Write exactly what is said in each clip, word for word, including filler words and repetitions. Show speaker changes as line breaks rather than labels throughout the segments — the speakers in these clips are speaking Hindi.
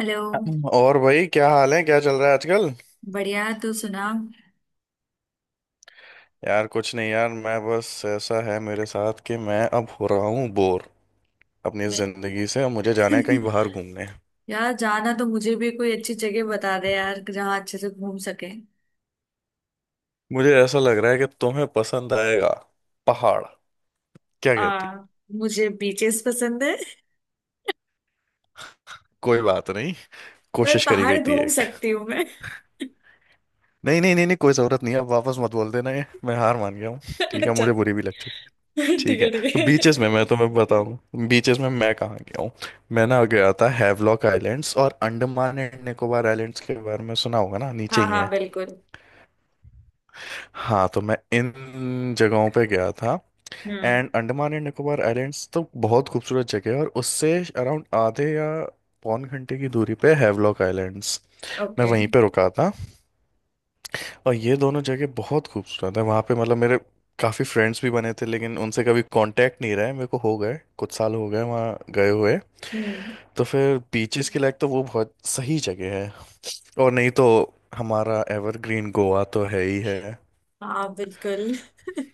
हेलो।
और भाई, क्या हाल है? क्या चल रहा है आजकल?
बढ़िया, तू सुना।
यार कुछ नहीं यार, मैं बस ऐसा है मेरे साथ कि मैं अब हो रहा हूँ बोर अपनी
मैं।
जिंदगी से, और मुझे जाना है कहीं बाहर घूमने।
यार, जाना तो मुझे भी कोई अच्छी जगह बता दे यार, जहाँ अच्छे से घूम सके।
मुझे ऐसा लग रहा है कि तुम्हें पसंद आएगा पहाड़। क्या कहती हो?
आ, मुझे बीचेस पसंद है।
कोई बात नहीं।
पर
कोशिश करी
पहाड़
गई थी
घूम
एक।
सकती हूँ मैं।
नहीं नहीं नहीं नहीं, कोई जरूरत नहीं है, अब वापस मत बोल देना ये, मैं हार मान गया हूँ। ठीक है,
अच्छा,
मुझे बुरी भी लग चुकी।
ठीक
ठीक है,
है, ठीक
तो
है।
बीचेस में मैं तुम्हें बताऊं, बीचेस में मैं कहाँ गया हूँ। मैं ना गया था हैवलॉक आइलैंड्स, और अंडमान एंड निकोबार आइलैंड्स के बारे में सुना होगा ना, नीचे
हाँ
ही
हाँ,
है।
बिल्कुल।
हाँ, तो मैं इन जगहों पे गया था।
Hmm.
And Andaman and Nicobar islands तो बहुत खूबसूरत जगह है, और उससे अराउंड आधे या पौन घंटे की दूरी पे हैवलॉक आइलैंड्स। मैं
ओके।
वहीं पे रुका था। और ये दोनों जगह बहुत खूबसूरत है, वहाँ पे मतलब मेरे काफ़ी फ्रेंड्स भी बने थे, लेकिन उनसे कभी कांटेक्ट नहीं रहा है मेरे को, हो गए कुछ साल हो गए वहाँ गए हुए।
हम्म।
तो फिर बीचेस के लायक तो वो बहुत सही जगह है। और नहीं तो हमारा एवरग्रीन गोवा तो है ही है।
हाँ, बिल्कुल।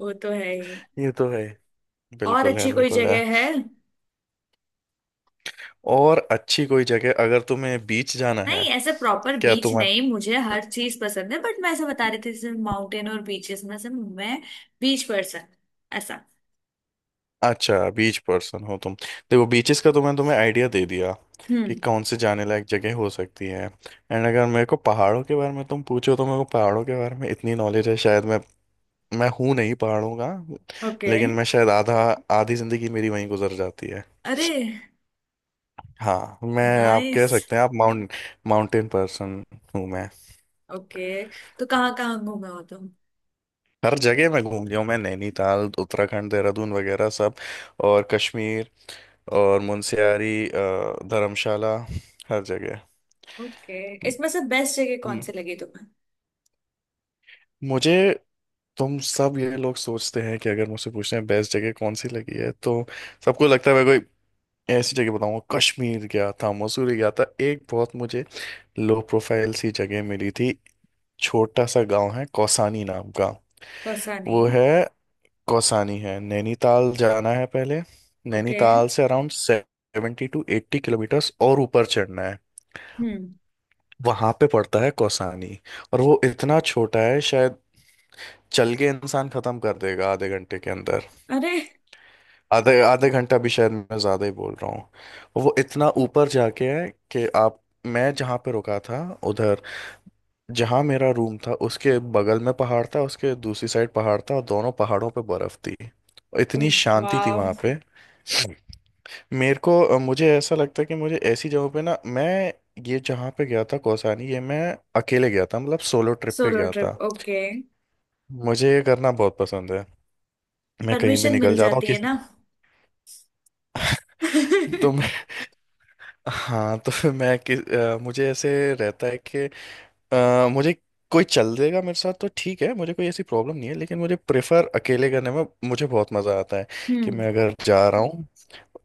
वो तो है ही।
ये तो है।
और
बिल्कुल है,
अच्छी कोई
बिल्कुल है।
जगह है?
और अच्छी कोई जगह अगर तुम्हें बीच जाना
नहीं,
है।
ऐसे प्रॉपर
क्या
बीच
तुम्हें।
नहीं, मुझे हर चीज पसंद है, बट मैं ऐसा बता रही थी जैसे माउंटेन और बीचेस में से मैं बीच पर्सन, ऐसा।
अच्छा, बीच पर्सन हो तुम। देखो बीचेस का तो मैं तुम्हें आइडिया दे दिया कि
हम्म।
कौन से जाने लायक जगह हो सकती है। एंड अगर मेरे को पहाड़ों के बारे में तुम पूछो, तो मेरे को पहाड़ों के बारे में इतनी नॉलेज है, शायद मैं मैं हूँ नहीं पहाड़ों का।
ओके।
लेकिन मैं शायद आधा आधी जिंदगी मेरी वहीं गुजर जाती है।
अरे,
हाँ, मैं आप कह
नाइस।
सकते हैं, आप माउंट माउंटेन पर्सन हूँ मैं।
ओके, तो कहाँ कहाँ घूमे हो तुम?
हर जगह मैं घूम लिया हूँ, मैं नैनीताल, उत्तराखंड, देहरादून वगैरह सब, और कश्मीर, और मुनस्यारी, अ, धर्मशाला, हर जगह।
ओके। इसमें से बेस्ट जगह कौन
हम्म,
सी लगी तुम्हें?
मुझे तुम सब ये लोग सोचते हैं कि अगर मुझसे पूछते हैं बेस्ट जगह कौन सी लगी है, तो सबको लगता है मैं कोई ऐसी जगह बताऊंगा, कश्मीर गया था, मसूरी गया था। एक बहुत मुझे लो प्रोफाइल सी जगह मिली थी, छोटा सा गांव है कौसानी नाम का।
कौसानी?
वो है कौसानी है, नैनीताल जाना है पहले,
ओके।
नैनीताल से around seventy to eighty kilometres और ऊपर चढ़ना है।
हम्म।
वहां पे पड़ता है कौसानी। और वो इतना छोटा है, शायद चल के इंसान खत्म कर देगा आधे घंटे के अंदर।
अरे,
आधे आधे घंटा भी शायद मैं ज्यादा ही बोल रहा हूँ। वो इतना ऊपर जाके है कि आप, मैं जहाँ पे रुका था उधर, जहाँ मेरा रूम था उसके बगल में पहाड़ था, उसके दूसरी साइड पहाड़ था, और दोनों पहाड़ों पे बर्फ थी। इतनी शांति थी
वाह।
वहां पे। मेरे को अ, मुझे ऐसा लगता है कि मुझे ऐसी जगहों पे ना, मैं ये जहाँ पे गया था कौसानी, ये मैं अकेले गया था, मतलब सोलो ट्रिप पे
सोलो
गया
ट्रिप,
था।
ओके।
मुझे ये करना बहुत पसंद है, मैं कहीं भी
परमिशन मिल
निकल जाता हूँ।
जाती है
किस
ना।
तो मैं हाँ, तो फिर मैं किस अ, मुझे ऐसे रहता है कि अ, मुझे कोई चल देगा मेरे साथ तो ठीक है, मुझे कोई ऐसी प्रॉब्लम नहीं है, लेकिन मुझे प्रेफर अकेले करने में मुझे बहुत मज़ा आता है कि
हम्म।
मैं अगर जा रहा हूँ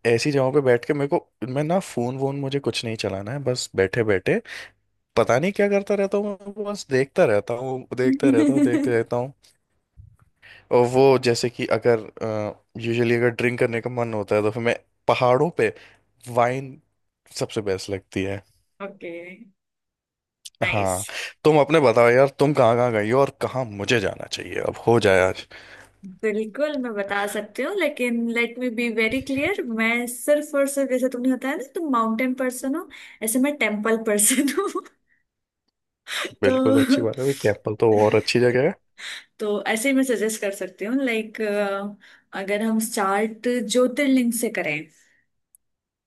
ऐसी जगहों पे बैठ के, मेरे को मैं ना फोन वोन मुझे कुछ नहीं चलाना है, बस बैठे बैठे पता नहीं क्या करता रहता हूँ मैं, बस देखता रहता हूँ, देखता रहता हूँ, देखते रहता हूँ। और वो जैसे कि अगर यूजुअली अगर ड्रिंक करने का मन होता है, तो फिर मैं पहाड़ों पे वाइन सबसे बेस्ट लगती है।
Okay, nice.
हाँ। तुम अपने बताओ यार, तुम कहाँ कहाँ गई हो और कहाँ मुझे जाना चाहिए, अब हो जाए आज।
बिल्कुल, मैं बता सकती हूँ, लेकिन let me be very clear, मैं सिर्फ और सिर्फ, जैसे तुमने बताया ना तुम माउंटेन पर्सन हो, ऐसे मैं टेम्पल पर्सन हूँ। तो
बिल्कुल, अच्छी बात है भाई, टेम्पल तो और अच्छी जगह है।
तो ऐसे ही मैं सजेस्ट कर सकती हूँ, लाइक अगर हम स्टार्ट ज्योतिर्लिंग से करें,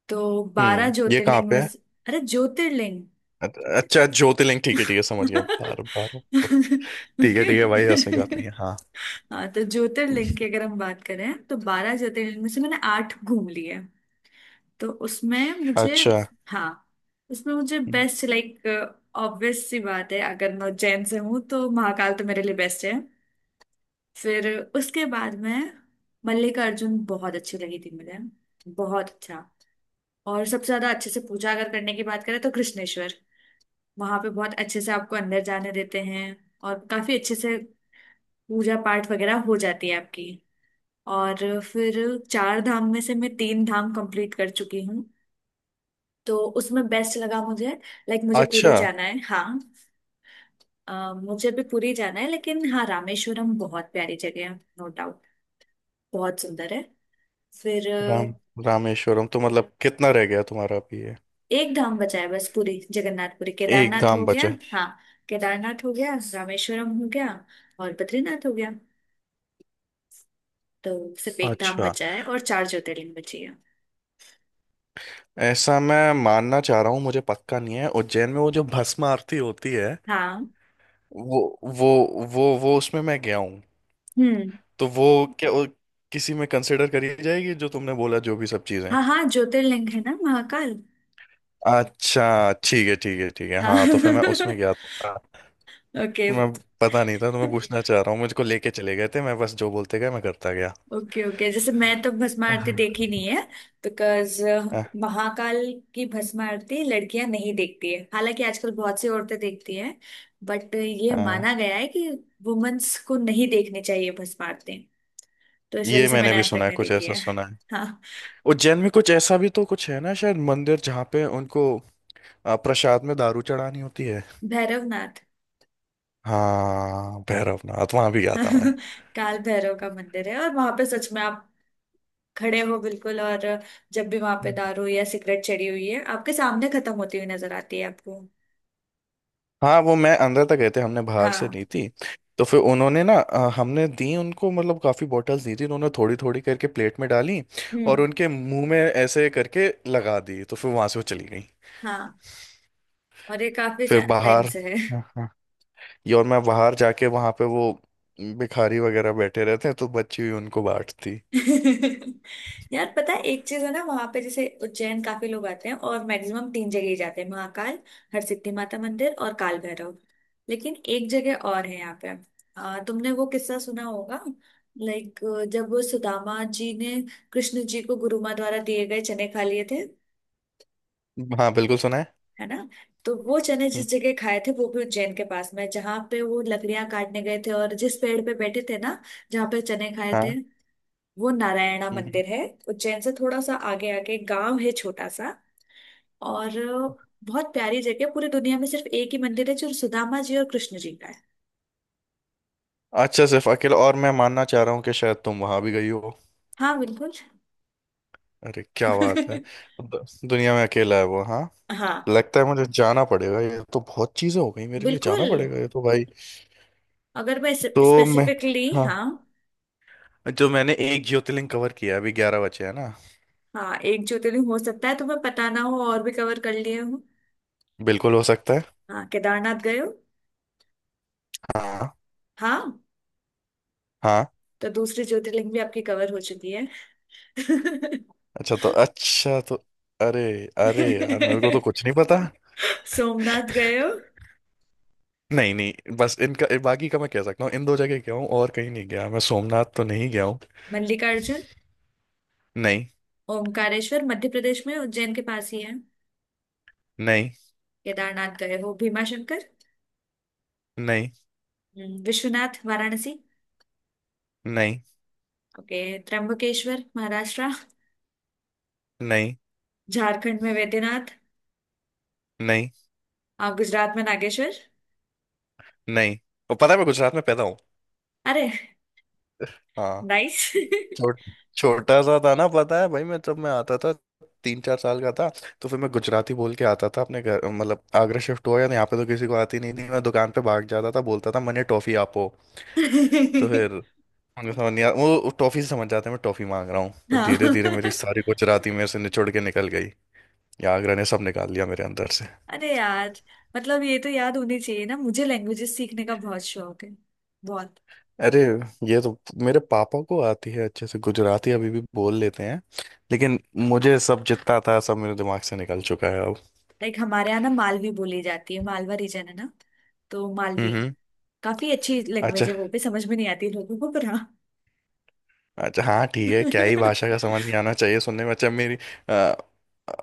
तो बारह
हम्म, ये कहाँ
ज्योतिर्लिंग
पे
में
है?
से- अरे, ज्योतिर्लिंग।
अ- अच्छा, ज्योतिर्लिंग, ठीक है ठीक है, समझ गया। बार बार ठीक
ओके।
है ठीक है भाई, हंसने की बात नहीं है हाँ।
हाँ, तो ज्योतिर्लिंग की अगर हम बात करें तो बारह ज्योतिर्लिंग में से मैंने आठ घूम लिए। तो उसमें मुझे,
अच्छा।
हाँ, उसमें मुझे बेस्ट, लाइक ऑब्वियस सी बात है, अगर मैं उज्जैन से हूँ तो महाकाल तो मेरे लिए बेस्ट है। फिर उसके बाद में मल्लिकार्जुन बहुत अच्छी लगी थी मुझे, बहुत अच्छा। और सबसे ज्यादा अच्छे से पूजा अगर करने की बात करें तो कृष्णेश्वर। वहां पे बहुत अच्छे से आपको अंदर जाने देते हैं, और काफी अच्छे से पूजा पाठ वगैरह हो जाती है आपकी। और फिर चार धाम में से मैं तीन धाम कंप्लीट कर चुकी हूँ। तो उसमें बेस्ट लगा मुझे, लाइक मुझे पुरी
अच्छा।
जाना है। हाँ, अ, मुझे भी पुरी जाना है, लेकिन हाँ, रामेश्वरम बहुत प्यारी जगह है, नो डाउट। बहुत सुंदर है। फिर
राम
अ,
रामेश्वरम तो मतलब कितना रह गया तुम्हारा अभी ये?
एक धाम बचा है, बस पुरी जगन्नाथ। पुरी
एक
केदारनाथ हो
धाम
गया।
बचा?
हाँ, केदारनाथ हो गया, रामेश्वरम हो गया, और बद्रीनाथ हो गया। तो सिर्फ एक धाम
अच्छा।
बचा है और चार ज्योतिर्लिंग बची है।
ऐसा मैं मानना चाह रहा हूँ, मुझे पक्का नहीं है, उज्जैन में वो जो भस्म आरती होती है,
हाँ।
वो वो वो वो उसमें मैं गया हूँ।
हम्म।
तो वो, क्या वो किसी में कंसिडर करी जाएगी जो तुमने बोला जो भी सब चीजें?
हाँ हाँ, ज्योतिर्लिंग है ना, महाकाल।
अच्छा, ठीक है ठीक है ठीक है,
हाँ।
हाँ तो फिर मैं उसमें गया था।
ओके
मैं पता नहीं था, तो मैं पूछना चाह रहा हूँ, मुझको लेके चले गए थे, मैं बस जो बोलते गए मैं करता गया।
ओके ओके, जैसे मैं तो भस्म आरती
हाँ।
देखी नहीं है। बिकॉज
अ,
महाकाल की भस्म आरती लड़कियां नहीं देखती है, हालांकि आजकल बहुत सी औरतें देखती हैं, बट ये
अ,
माना गया है कि वुमेन्स को नहीं देखनी चाहिए भस्म आरती। तो इस वजह
ये
से
मैंने
मैंने
भी
आज तक
सुना है,
नहीं
कुछ
देखी
ऐसा
है।
सुना।
हाँ।
उज्जैन में कुछ ऐसा भी तो कुछ है ना शायद मंदिर जहाँ पे उनको आ, प्रसाद में दारू चढ़ानी होती है।
भैरवनाथ।
हाँ भैरवनाथ, वहां भी गया था मैं।
काल भैरव का मंदिर है, और वहां पे सच में आप खड़े हो बिल्कुल, और जब भी वहां पे दारू या सिगरेट चढ़ी हुई है, आपके सामने खत्म होती हुई नजर आती है आपको।
हाँ वो मैं अंदर तक गए थे, हमने बाहर से
हाँ।
ली थी। तो फिर उन्होंने ना अ, हमने दी उनको, मतलब काफ़ी बॉटल्स दी थी, उन्होंने थोड़ी थोड़ी करके प्लेट में डाली
हम्म।
और उनके मुंह में ऐसे करके लगा दी, तो फिर वहां से वो चली गई।
हाँ। और ये काफी
फिर
टाइम
बाहर,
से है।
हाँ, हाँ। ये, और मैं बाहर जाके वहां पे वो भिखारी वगैरह बैठे रहते हैं, तो बच्ची हुई उनको बांटती।
यार, पता है, एक चीज है ना, वहां पे जैसे उज्जैन काफी लोग आते हैं और मैक्सिमम तीन जगह ही जाते हैं, महाकाल, हरसिद्धि माता मंदिर और काल भैरव। लेकिन एक जगह और है यहाँ पे। आ, तुमने वो किस्सा सुना होगा, लाइक जब वो सुदामा जी ने कृष्ण जी को गुरुमा द्वारा दिए गए चने खा लिए थे,
हाँ बिल्कुल सुना है।
है ना। तो वो चने
हम्म,
जिस जगह खाए थे वो भी उज्जैन के पास में है, जहाँ पे वो लकड़ियां काटने गए थे और जिस पेड़ पे बैठे थे ना, जहाँ पे चने खाए थे,
हाँ।
वो नारायणा
हम्म, हम्म।
मंदिर है। उज्जैन से थोड़ा सा आगे, आगे गांव है, छोटा सा। और बहुत प्यारी जगह, पूरी दुनिया में सिर्फ एक ही मंदिर है जो सुदामा जी और कृष्ण जी का है।
अच्छा, सिर्फ अकेला? और मैं मानना चाह रहा हूँ कि शायद तुम वहां भी गई हो।
हाँ, बिल्कुल।
अरे क्या बात है! दु- दुनिया में अकेला है वो, हाँ।
हाँ,
लगता है मुझे जाना पड़ेगा, ये तो बहुत चीजें हो गई मेरे लिए, जाना
बिल्कुल।
पड़ेगा ये तो भाई।
अगर मैं
तो मैं,
स्पेसिफिकली,
हाँ,
हाँ।
जो मैंने एक ज्योतिर्लिंग कवर किया है, अभी ग्यारह बचे हैं ना।
हाँ, एक ज्योतिर्लिंग हो सकता है तुम्हें पता ना हो और भी कवर कर लिए हूँ।
बिल्कुल हो सकता है।
हाँ, केदारनाथ गए हो?
हाँ।
हाँ,
हाँ।
तो दूसरी ज्योतिर्लिंग भी आपकी कवर हो चुकी है।
अच्छा तो अच्छा तो अरे, अरे यार, मेरे को तो कुछ नहीं पता।
सोमनाथ गए हो?
नहीं नहीं, बस इनका बाकी का मैं कह सकता हूँ इन दो जगह गया हूँ, और कहीं नहीं गया मैं। सोमनाथ तो नहीं गया हूँ।
मल्लिकार्जुन?
नहीं।
ओमकारेश्वर मध्य प्रदेश में उज्जैन के पास ही है।
नहीं।
केदारनाथ गए हो? भीमाशंकर?
नहीं।
हम्म, विश्वनाथ वाराणसी?
नहीं।
ओके। त्र्यंबकेश्वर महाराष्ट्र?
नहीं। नहीं।
झारखंड में वैद्यनाथ?
नहीं।
आप गुजरात में नागेश्वर?
नहीं, और पता है मैं गुजरात में पैदा हूँ।
अरे।
हाँ।
नाइस।
छोट छोटा सा था ना, पता है भाई, मैं जब मैं आता था तीन चार साल का था। तो फिर मैं गुजराती बोल के आता था, अपने घर मतलब आगरा शिफ्ट हुआ या यहाँ पे तो किसी को आती नहीं थी, मैं दुकान पे भाग जाता था, बोलता था मैंने टॉफी आपो। तो फिर उनको समझ नहीं आ, वो टॉफी से समझ जाते हैं मैं टॉफी मांग रहा हूँ। तो
हाँ।
धीरे धीरे मेरी सारी गुजराती मेरे से निचोड़ के निकल गई, या आगरा ने सब निकाल लिया मेरे अंदर से।
अरे यार, मतलब ये तो याद होनी चाहिए ना, मुझे लैंग्वेजेस सीखने का बहुत शौक है, बहुत।
अरे ये तो, मेरे पापा को आती है, अच्छे से गुजराती अभी भी बोल लेते हैं। लेकिन मुझे सब जितना था सब मेरे दिमाग से निकल चुका है अब।
लाइक हमारे यहाँ ना मालवी बोली जाती है, मालवा रीजन है ना, तो
हम्म।
मालवी
हम्म,
काफी अच्छी
अच्छा।
लैंग्वेज है, वो भी समझ में नहीं आती लोगों को, पर हाँ।
अच्छा हाँ, ठीक है, क्या ही भाषा का समझ नहीं आना चाहिए सुनने में। अच्छा मेरी, अ,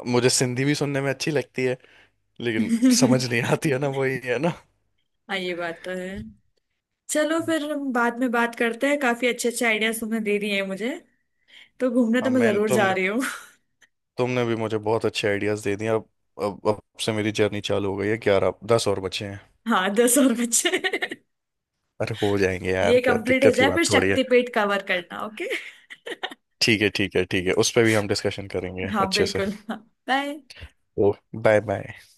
मुझे सिंधी भी सुनने में अच्छी लगती है, लेकिन समझ नहीं आती है ना, वही है ना।
हाँ, ये बात तो है। चलो
हम्म।
फिर, हम बाद में बात करते हैं, काफी अच्छे अच्छे आइडियाज तुमने दे दिए हैं मुझे, तो घूमने तो
अब
मैं
मैं,
जरूर जा
तुमने
रही हूँ।
तुमने भी मुझे बहुत अच्छे आइडियाज दे दिए। अब अब अब से मेरी जर्नी चालू हो गई है, ग्यारह दस और बचे हैं।
हाँ, दस और बच्चे।
अरे हो जाएंगे
ये
यार, क्या
कंप्लीट हो
दिक्कत की
जाए
बात
फिर
थोड़ी है।
शक्तिपीठ कवर करना। ओके।
ठीक है ठीक है ठीक है, उस पर भी हम डिस्कशन करेंगे
हाँ,
अच्छे से।
बिल्कुल, हाँ। बाय।
ओ, बाय बाय।